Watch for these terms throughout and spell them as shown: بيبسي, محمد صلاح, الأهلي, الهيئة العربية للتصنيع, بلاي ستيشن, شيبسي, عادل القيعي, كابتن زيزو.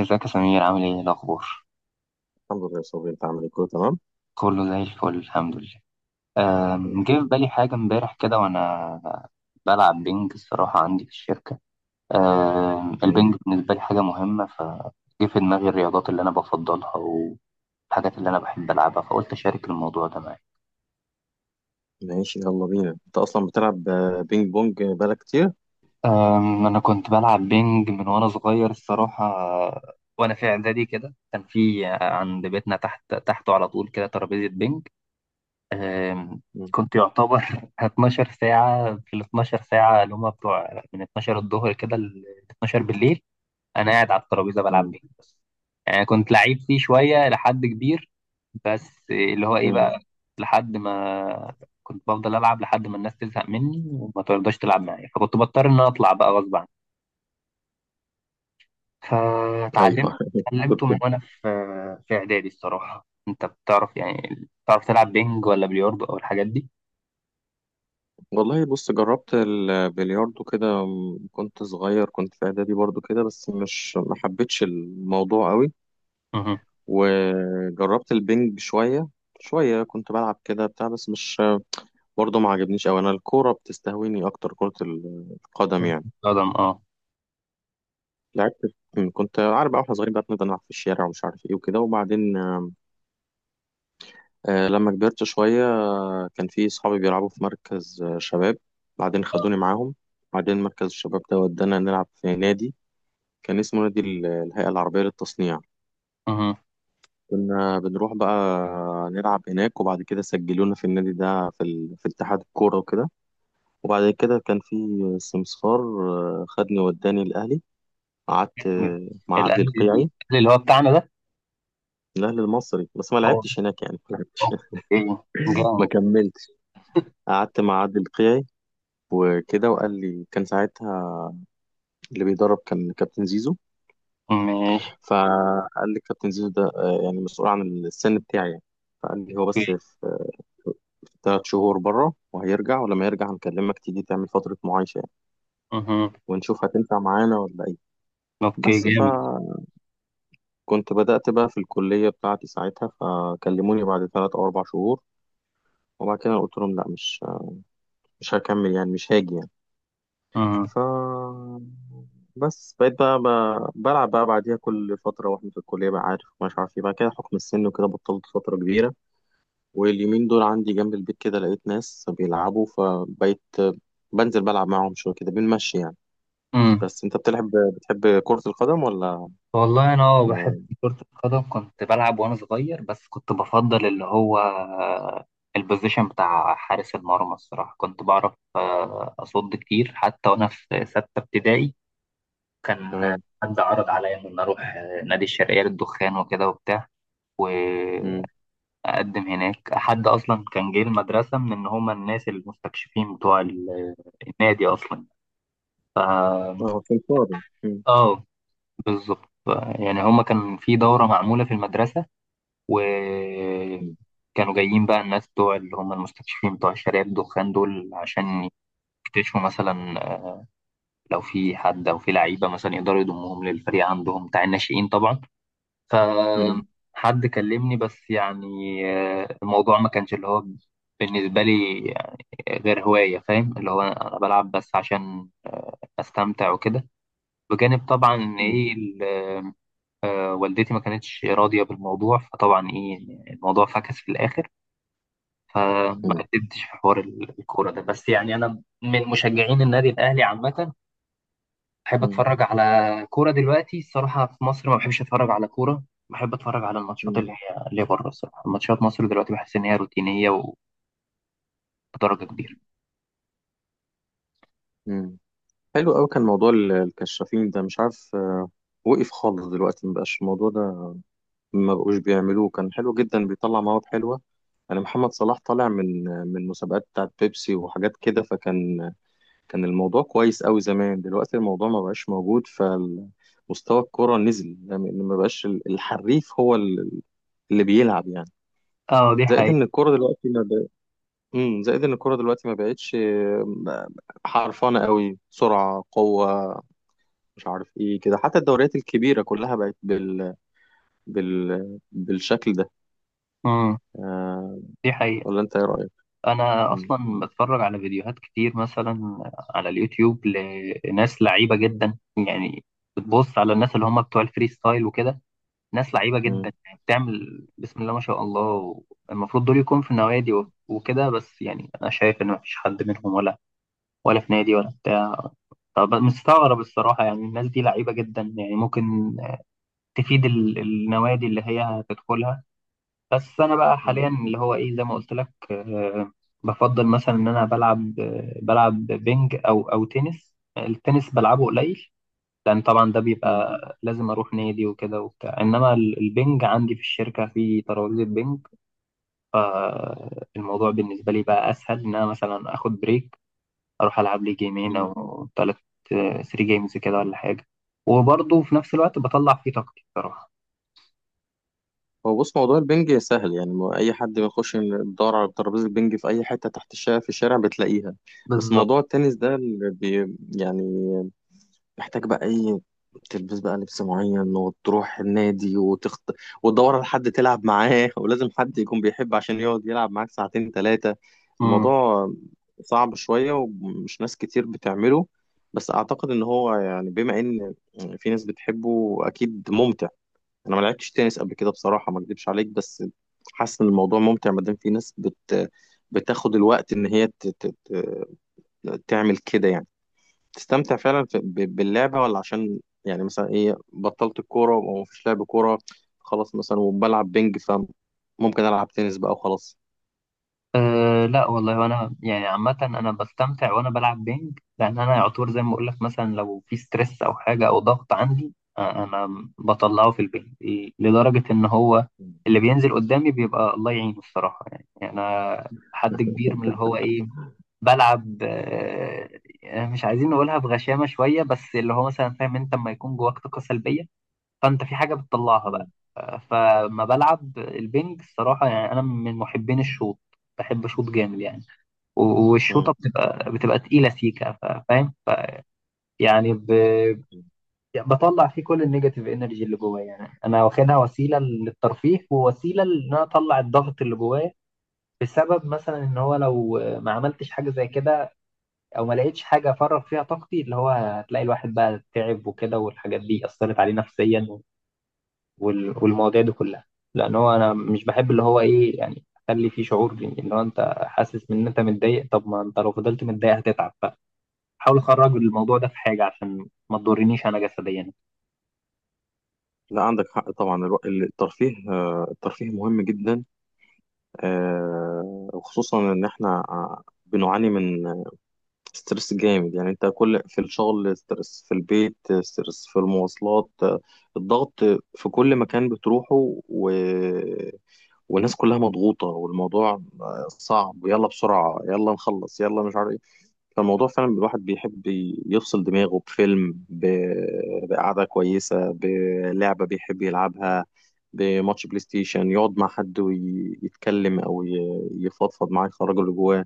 ازيك يا سمير؟ عامل ايه؟ إيه الاخبار؟ الحمد لله يا صبري، انت عامل ايه؟ كله تمام، كله زي الفل، الحمد لله. جه في الحمد بالي حاجه امبارح كده وانا بلعب بينج الصراحه عندي في الشركه. لله. البينج بالنسبه لي حاجه مهمه، فجه في دماغي الرياضات اللي انا بفضلها والحاجات اللي انا بحب العبها، فقلت اشارك الموضوع ده معاك. ماشي، يلا بينا. انت اصلا بتلعب بينج بونج بقالك كتير؟ انا كنت بلعب بينج من وانا صغير الصراحه. وانا في اعدادي كده، كان في عند بيتنا تحت تحته على طول كده ترابيزه بينج. آم، مم. كنت يعتبر 12 ساعة، في ال 12 ساعة اللي هما بتوع من 12 الظهر كده ل 12 بالليل أنا قاعد على الترابيزة بلعب مم. بيه. بس يعني كنت لعيب فيه شوية لحد كبير. بس اللي هو إيه مم. بقى، لحد ما كنت بفضل ألعب لحد ما الناس تزهق مني وما ترضاش تلعب معايا، فكنت بضطر إن أنا أطلع بقى غصب عني. ايوه. فتعلمت، اتعلمته من كنت وأنا في في إعدادي الصراحة. أنت بتعرف يعني بتعرف تلعب بينج ولا بلياردو أو الحاجات دي؟ والله، بص، جربت البلياردو كده، كنت صغير، كنت في اعدادي برضو كده، بس مش ما حبيتش الموضوع قوي. وجربت البينج شوية، شوية كنت بلعب كده بتاع، بس مش برضو ما عجبنيش قوي. انا الكورة بتستهويني اكتر، كرة القدم كرة يعني. القدم، اه. لعبت كنت عارف بقى، واحنا صغيرين بقى بنفضل نلعب في الشارع، ومش عارف ايه وكده، وبعدين لما كبرت شوية كان في صحابي بيلعبوا في مركز شباب. بعدين خدوني معاهم. بعدين مركز الشباب ده ودانا نلعب في نادي كان اسمه نادي الهيئة العربية للتصنيع. مهم. كنا بنروح بقى نلعب هناك، وبعد كده سجلونا في النادي ده في اتحاد الكورة وكده. وبعد كده كان في سمسار خدني وداني الأهلي. قعدت جامد. مع عدلي الاهلي، الاهلي القيعي، اللي هو بتاعنا ده. الأهلي المصري، بس ما اه، لعبتش هناك يعني، ما لعبتش، اوكي، ما جامد. كملتش. قعدت مع عادل قيعي وكده، وقال لي كان ساعتها اللي بيدرب كان كابتن زيزو. ماشي. فقال لي كابتن زيزو ده يعني مسؤول عن السن بتاعي يعني. فقال لي هو بس اوكي. في 3 شهور بره وهيرجع، ولما يرجع هنكلمك تيجي تعمل فترة معايشة يعني، مهم. ونشوف هتنفع معانا ولا ايه. اوكي، بس جامد. بدأت بقى في الكلية بتاعتي ساعتها، فكلموني بعد 3 أو 4 شهور. وبعد كده قلت لهم لا، مش هكمل يعني، مش هاجي يعني. مهم. ف بس بقيت بقى بلعب بقى بعديها كل فترة، واحنا في الكلية بقى، عارف مش عارف ايه بقى كده، حكم السن وكده، بطلت فترة كبيرة. واليومين دول عندي جنب البيت كده لقيت ناس بيلعبوا، فبقيت بنزل بلعب معاهم شوية كده، بنمشي يعني. مم. بس انت بتحب كرة القدم ولا والله انا ما بحب كرة القدم، كنت بلعب وانا صغير. بس كنت بفضل اللي هو البوزيشن بتاع حارس المرمى الصراحة، كنت بعرف أصد كتير حتى وأنا في ستة ابتدائي. كان تمام. حد عرض عليا إن أنا أروح نادي الشرقية للدخان وكده وبتاع، مم. اقدم هناك. حد اصلا كان جاي المدرسه من ان هما الناس المستكشفين بتوع النادي اصلا. اه، سمسار. مم. اه، بالظبط. يعني هما كان في دورة معمولة في المدرسة، مم. وكانوا جايين بقى الناس بتوع اللي هما المستكشفين بتوع شارع الدخان دول عشان يكتشفوا مثلا لو في حد أو في لعيبة مثلا يقدروا يضموهم للفريق عندهم بتاع الناشئين طبعا. مم. فحد كلمني بس يعني، الموضوع ما كانش اللي هو بالنسبة لي غير هواية. فاهم؟ اللي هو أنا بلعب بس عشان أستمتع وكده، بجانب طبعا إن مم. إيه والدتي ما كانتش راضية بالموضوع. فطبعا إيه، الموضوع فكس في الآخر، فما مم. قدمتش في حوار الكورة ده. بس يعني أنا من مشجعين النادي الأهلي عامة، بحب مم. أتفرج على كورة. دلوقتي الصراحة في مصر ما بحبش أتفرج على كورة، بحب أتفرج على الماتشات مم. اللي هي اللي بره. الصراحة ماتشات مصر دلوقتي بحس إن هي روتينية وبدرجة كبيرة. مم. حلو قوي كان موضوع الكشافين ده. مش عارف، وقف خالص دلوقتي، مبقاش الموضوع ده، ما بقوش بيعملوه. كان حلو جدا، بيطلع مواد حلوه. انا محمد صلاح طالع من مسابقات بتاعت بيبسي وحاجات كده، فكان الموضوع كويس قوي زمان. دلوقتي الموضوع ما بقاش موجود، فمستوى الكرة نزل يعني. ما بقاش الحريف هو اللي بيلعب يعني. اه، دي زائد ان حقيقة. الكرة دلوقتي ما بق... زائد ان الكرة دلوقتي ما بقتش حرفانة قوي، سرعة، قوة، مش عارف ايه كده. حتى الدوريات الكبيرة كلها بقت بالشكل ده. امم، آه، دي حقيقة. ولا انت ايه رأيك؟ انا مم. اصلا بتفرج على فيديوهات كتير مثلا على اليوتيوب لناس لعيبه جدا. يعني بتبص على الناس اللي هم بتوع الفري ستايل وكده، ناس لعيبه جدا مم. يعني، بتعمل بسم الله ما شاء الله. المفروض دول يكون في النوادي وكده. بس يعني انا شايف ان مفيش حد منهم ولا ولا في نادي ولا بتاع. طب مستغرب الصراحه. يعني الناس دي لعيبه جدا، يعني ممكن تفيد النوادي اللي هي هتدخلها. بس انا بقى مم. حاليا اللي هو ايه، زي ما قلت لك، بفضل مثلا ان انا بلعب، بلعب بينج او او تنس. التنس بلعبه قليل لان طبعا ده مم. بيبقى لازم اروح نادي وكده وبتاع. انما البينج عندي في الشركه في ترابيزه بينج، فالموضوع بالنسبه لي بقى اسهل ان انا مثلا اخد بريك، اروح العب لي جيمين مم. او ثلاث، 3 جيمز كده ولا حاجه. وبرضه في نفس الوقت بطلع فيه طاقتي بصراحه. هو بص، موضوع البنج سهل يعني. اي حد بيخش يدور على ترابيزه بنج في اي حته تحت الشارع، في الشارع بتلاقيها. بس بالظبط. موضوع التنس ده اللي يعني محتاج بقى ايه، تلبس بقى لبس معين، وتروح النادي، وتدور على حد تلعب معاه. ولازم حد يكون بيحب عشان يقعد يلعب معاك ساعتين ثلاثه. الموضوع صعب شويه، ومش ناس كتير بتعمله. بس اعتقد ان هو يعني، بما ان في ناس بتحبه، اكيد ممتع. انا ما لعبتش تنس قبل كده بصراحه، ما اكدبش عليك، بس حاسس ان الموضوع ممتع، ما دام في ناس بتاخد الوقت ان هي تعمل كده يعني، تستمتع فعلا باللعبه. ولا عشان يعني، مثلا ايه، بطلت الكوره وما فيش لعب كوره، خلاص مثلا، وبلعب بينج فممكن العب تنس بقى وخلاص. أه لا والله، وانا يعني عامة انا بستمتع وانا بلعب بينج، لان انا يعتبر زي ما اقول لك مثلا لو في ستريس او حاجة او ضغط عندي، انا بطلعه في البينج. لدرجة ان هو مم. اللي بينزل قدامي بيبقى الله يعينه الصراحة. يعني انا حد كبير من اللي هو ايه، بلعب أه، مش عايزين نقولها بغشامة شوية. بس اللي هو مثلا، فاهم؟ انت لما يكون جواك طاقة سلبية، فانت في حاجه بتطلعها بقى. مم. فما بلعب البنج الصراحه، يعني انا من محبين الشوط، بحب شوط جامد يعني. والشوطه مم. بتبقى تقيله سيكه. فاهم؟ ف يعني ب، يعني بطلع فيه كل النيجاتيف انرجي اللي جوايا. يعني انا واخدها وسيله للترفيه، ووسيله ان انا اطلع الضغط اللي جوايا، بسبب مثلا ان هو لو ما عملتش حاجه زي كده او ما لقيتش حاجه افرغ فيها طاقتي، اللي هو هتلاقي الواحد بقى تعب وكده، والحاجات دي اثرت عليه نفسيا، والمواضيع دي كلها. لان هو انا مش بحب اللي هو ايه، يعني اخلي فيه شعور اللي هو انت حاسس ان انت متضايق. طب ما انت لو فضلت متضايق هتتعب، فحاول اخرج الموضوع ده في حاجه عشان ما تضرنيش انا جسديا. لا، عندك حق طبعا. الترفيه مهم جدا، آه، وخصوصا ان احنا بنعاني من ستريس جامد يعني. انت كل في الشغل ستريس، في البيت ستريس، في المواصلات الضغط، في كل مكان بتروحه و... والناس كلها مضغوطة والموضوع صعب. ويلا بسرعة، يلا نخلص، يلا مش عارف. فالموضوع فعلا الواحد بيحب يفصل دماغه بفيلم، بقعدة كويسة، بلعبة بيحب يلعبها، بماتش بلاي ستيشن، يقعد مع حد ويتكلم أو يفضفض معاه، يخرج اللي جواه.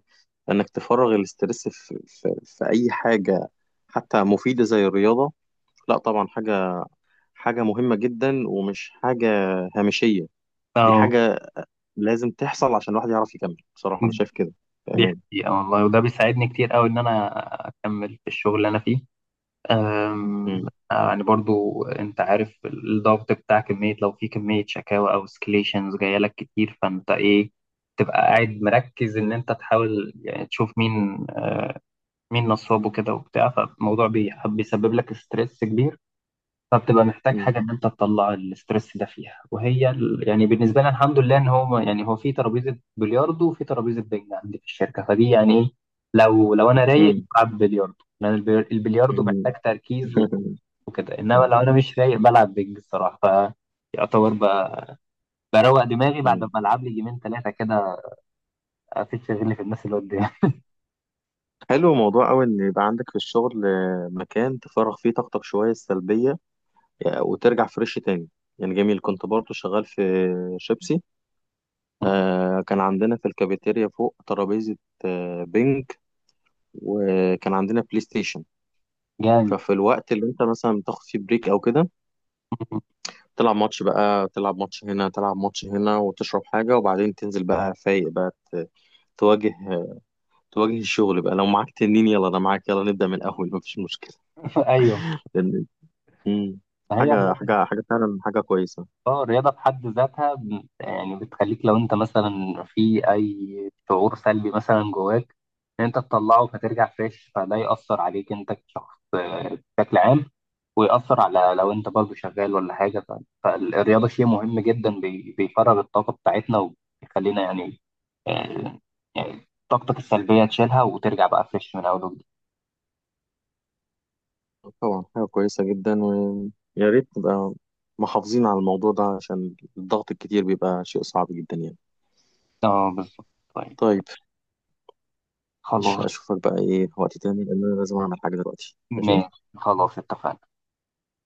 لأنك تفرغ الاسترس في أي حاجة، حتى مفيدة زي الرياضة. لا طبعا، حاجة مهمة جدا، ومش حاجة هامشية. دي اه حاجة لازم تحصل عشان الواحد يعرف يكمل، بصراحة أنا شايف كده. دي تمام. حقيقة والله، وده بيساعدني كتير قوي ان انا اكمل في الشغل اللي انا فيه. أم، م- يعني برضو انت عارف الضغط بتاع كمية، لو في كمية شكاوى او سكليشنز جاية لك كتير فانت ايه، تبقى قاعد مركز ان انت تحاول يعني تشوف مين نصاب وكده وبتاع. فالموضوع بيسبب لك ستريس كبير، فبتبقى محتاج م- حاجه ان انت تطلع الستريس ده فيها. وهي يعني بالنسبه لنا الحمد لله ان هو يعني هو في ترابيزه بلياردو وفي ترابيزه بينج عندي في الشركه، فدي يعني ايه، لو انا رايق بلعب بلياردو لان البلياردو محتاج م- تركيز وكده. انما م- لو انا مش رايق بلعب بينج الصراحه، فيعتبر بروق دماغي بعد ما مم. العب لي جيمين ثلاثه كده، افيد شغلي في الناس اللي قدامي. حلو موضوع أوي إن يبقى عندك في الشغل مكان تفرغ فيه طاقتك شوية السلبية، وترجع فريش تاني، يعني جميل. كنت برضه شغال في شيبسي، كان عندنا في الكافيتيريا فوق ترابيزة بينج، وكان عندنا بلاي ستيشن. جامد. ففي الوقت اللي انت مثلا بتاخد فيه بريك او كده، تلعب ماتش بقى، تلعب ماتش هنا، تلعب ماتش هنا، وتشرب حاجة، وبعدين تنزل بقى فايق بقى، تواجه تواجه الشغل بقى. لو معاك تنين، يلا انا معاك، يلا نبدأ من الاول، مفيش مشكلة. ايوه. مم. فهي حاجة فعلا، حاجة كويسة. اه، الرياضة في حد ذاتها يعني بتخليك لو انت مثلا في اي شعور سلبي مثلا جواك ان انت تطلعه، فترجع فريش. فده يأثر عليك انت كشخص بشكل عام، ويأثر على لو انت برضه شغال ولا حاجة. فالرياضة شيء مهم جدا، بيفرغ الطاقة بتاعتنا وبيخلينا يعني، آه، يعني طاقتك السلبية تشيلها وترجع بقى فريش من اول وجديد. طبعا، حاجة كويسة جدا، ويا ريت نبقى محافظين على الموضوع ده، عشان الضغط الكتير بيبقى شيء صعب جدا يعني. اه بالظبط. طيب. طيب. مش خلاص. أشوفك بقى إيه وقت تاني، لأن أنا لازم أعمل حاجة دلوقتي. ماشي. ماشي. خلاص اتفقنا.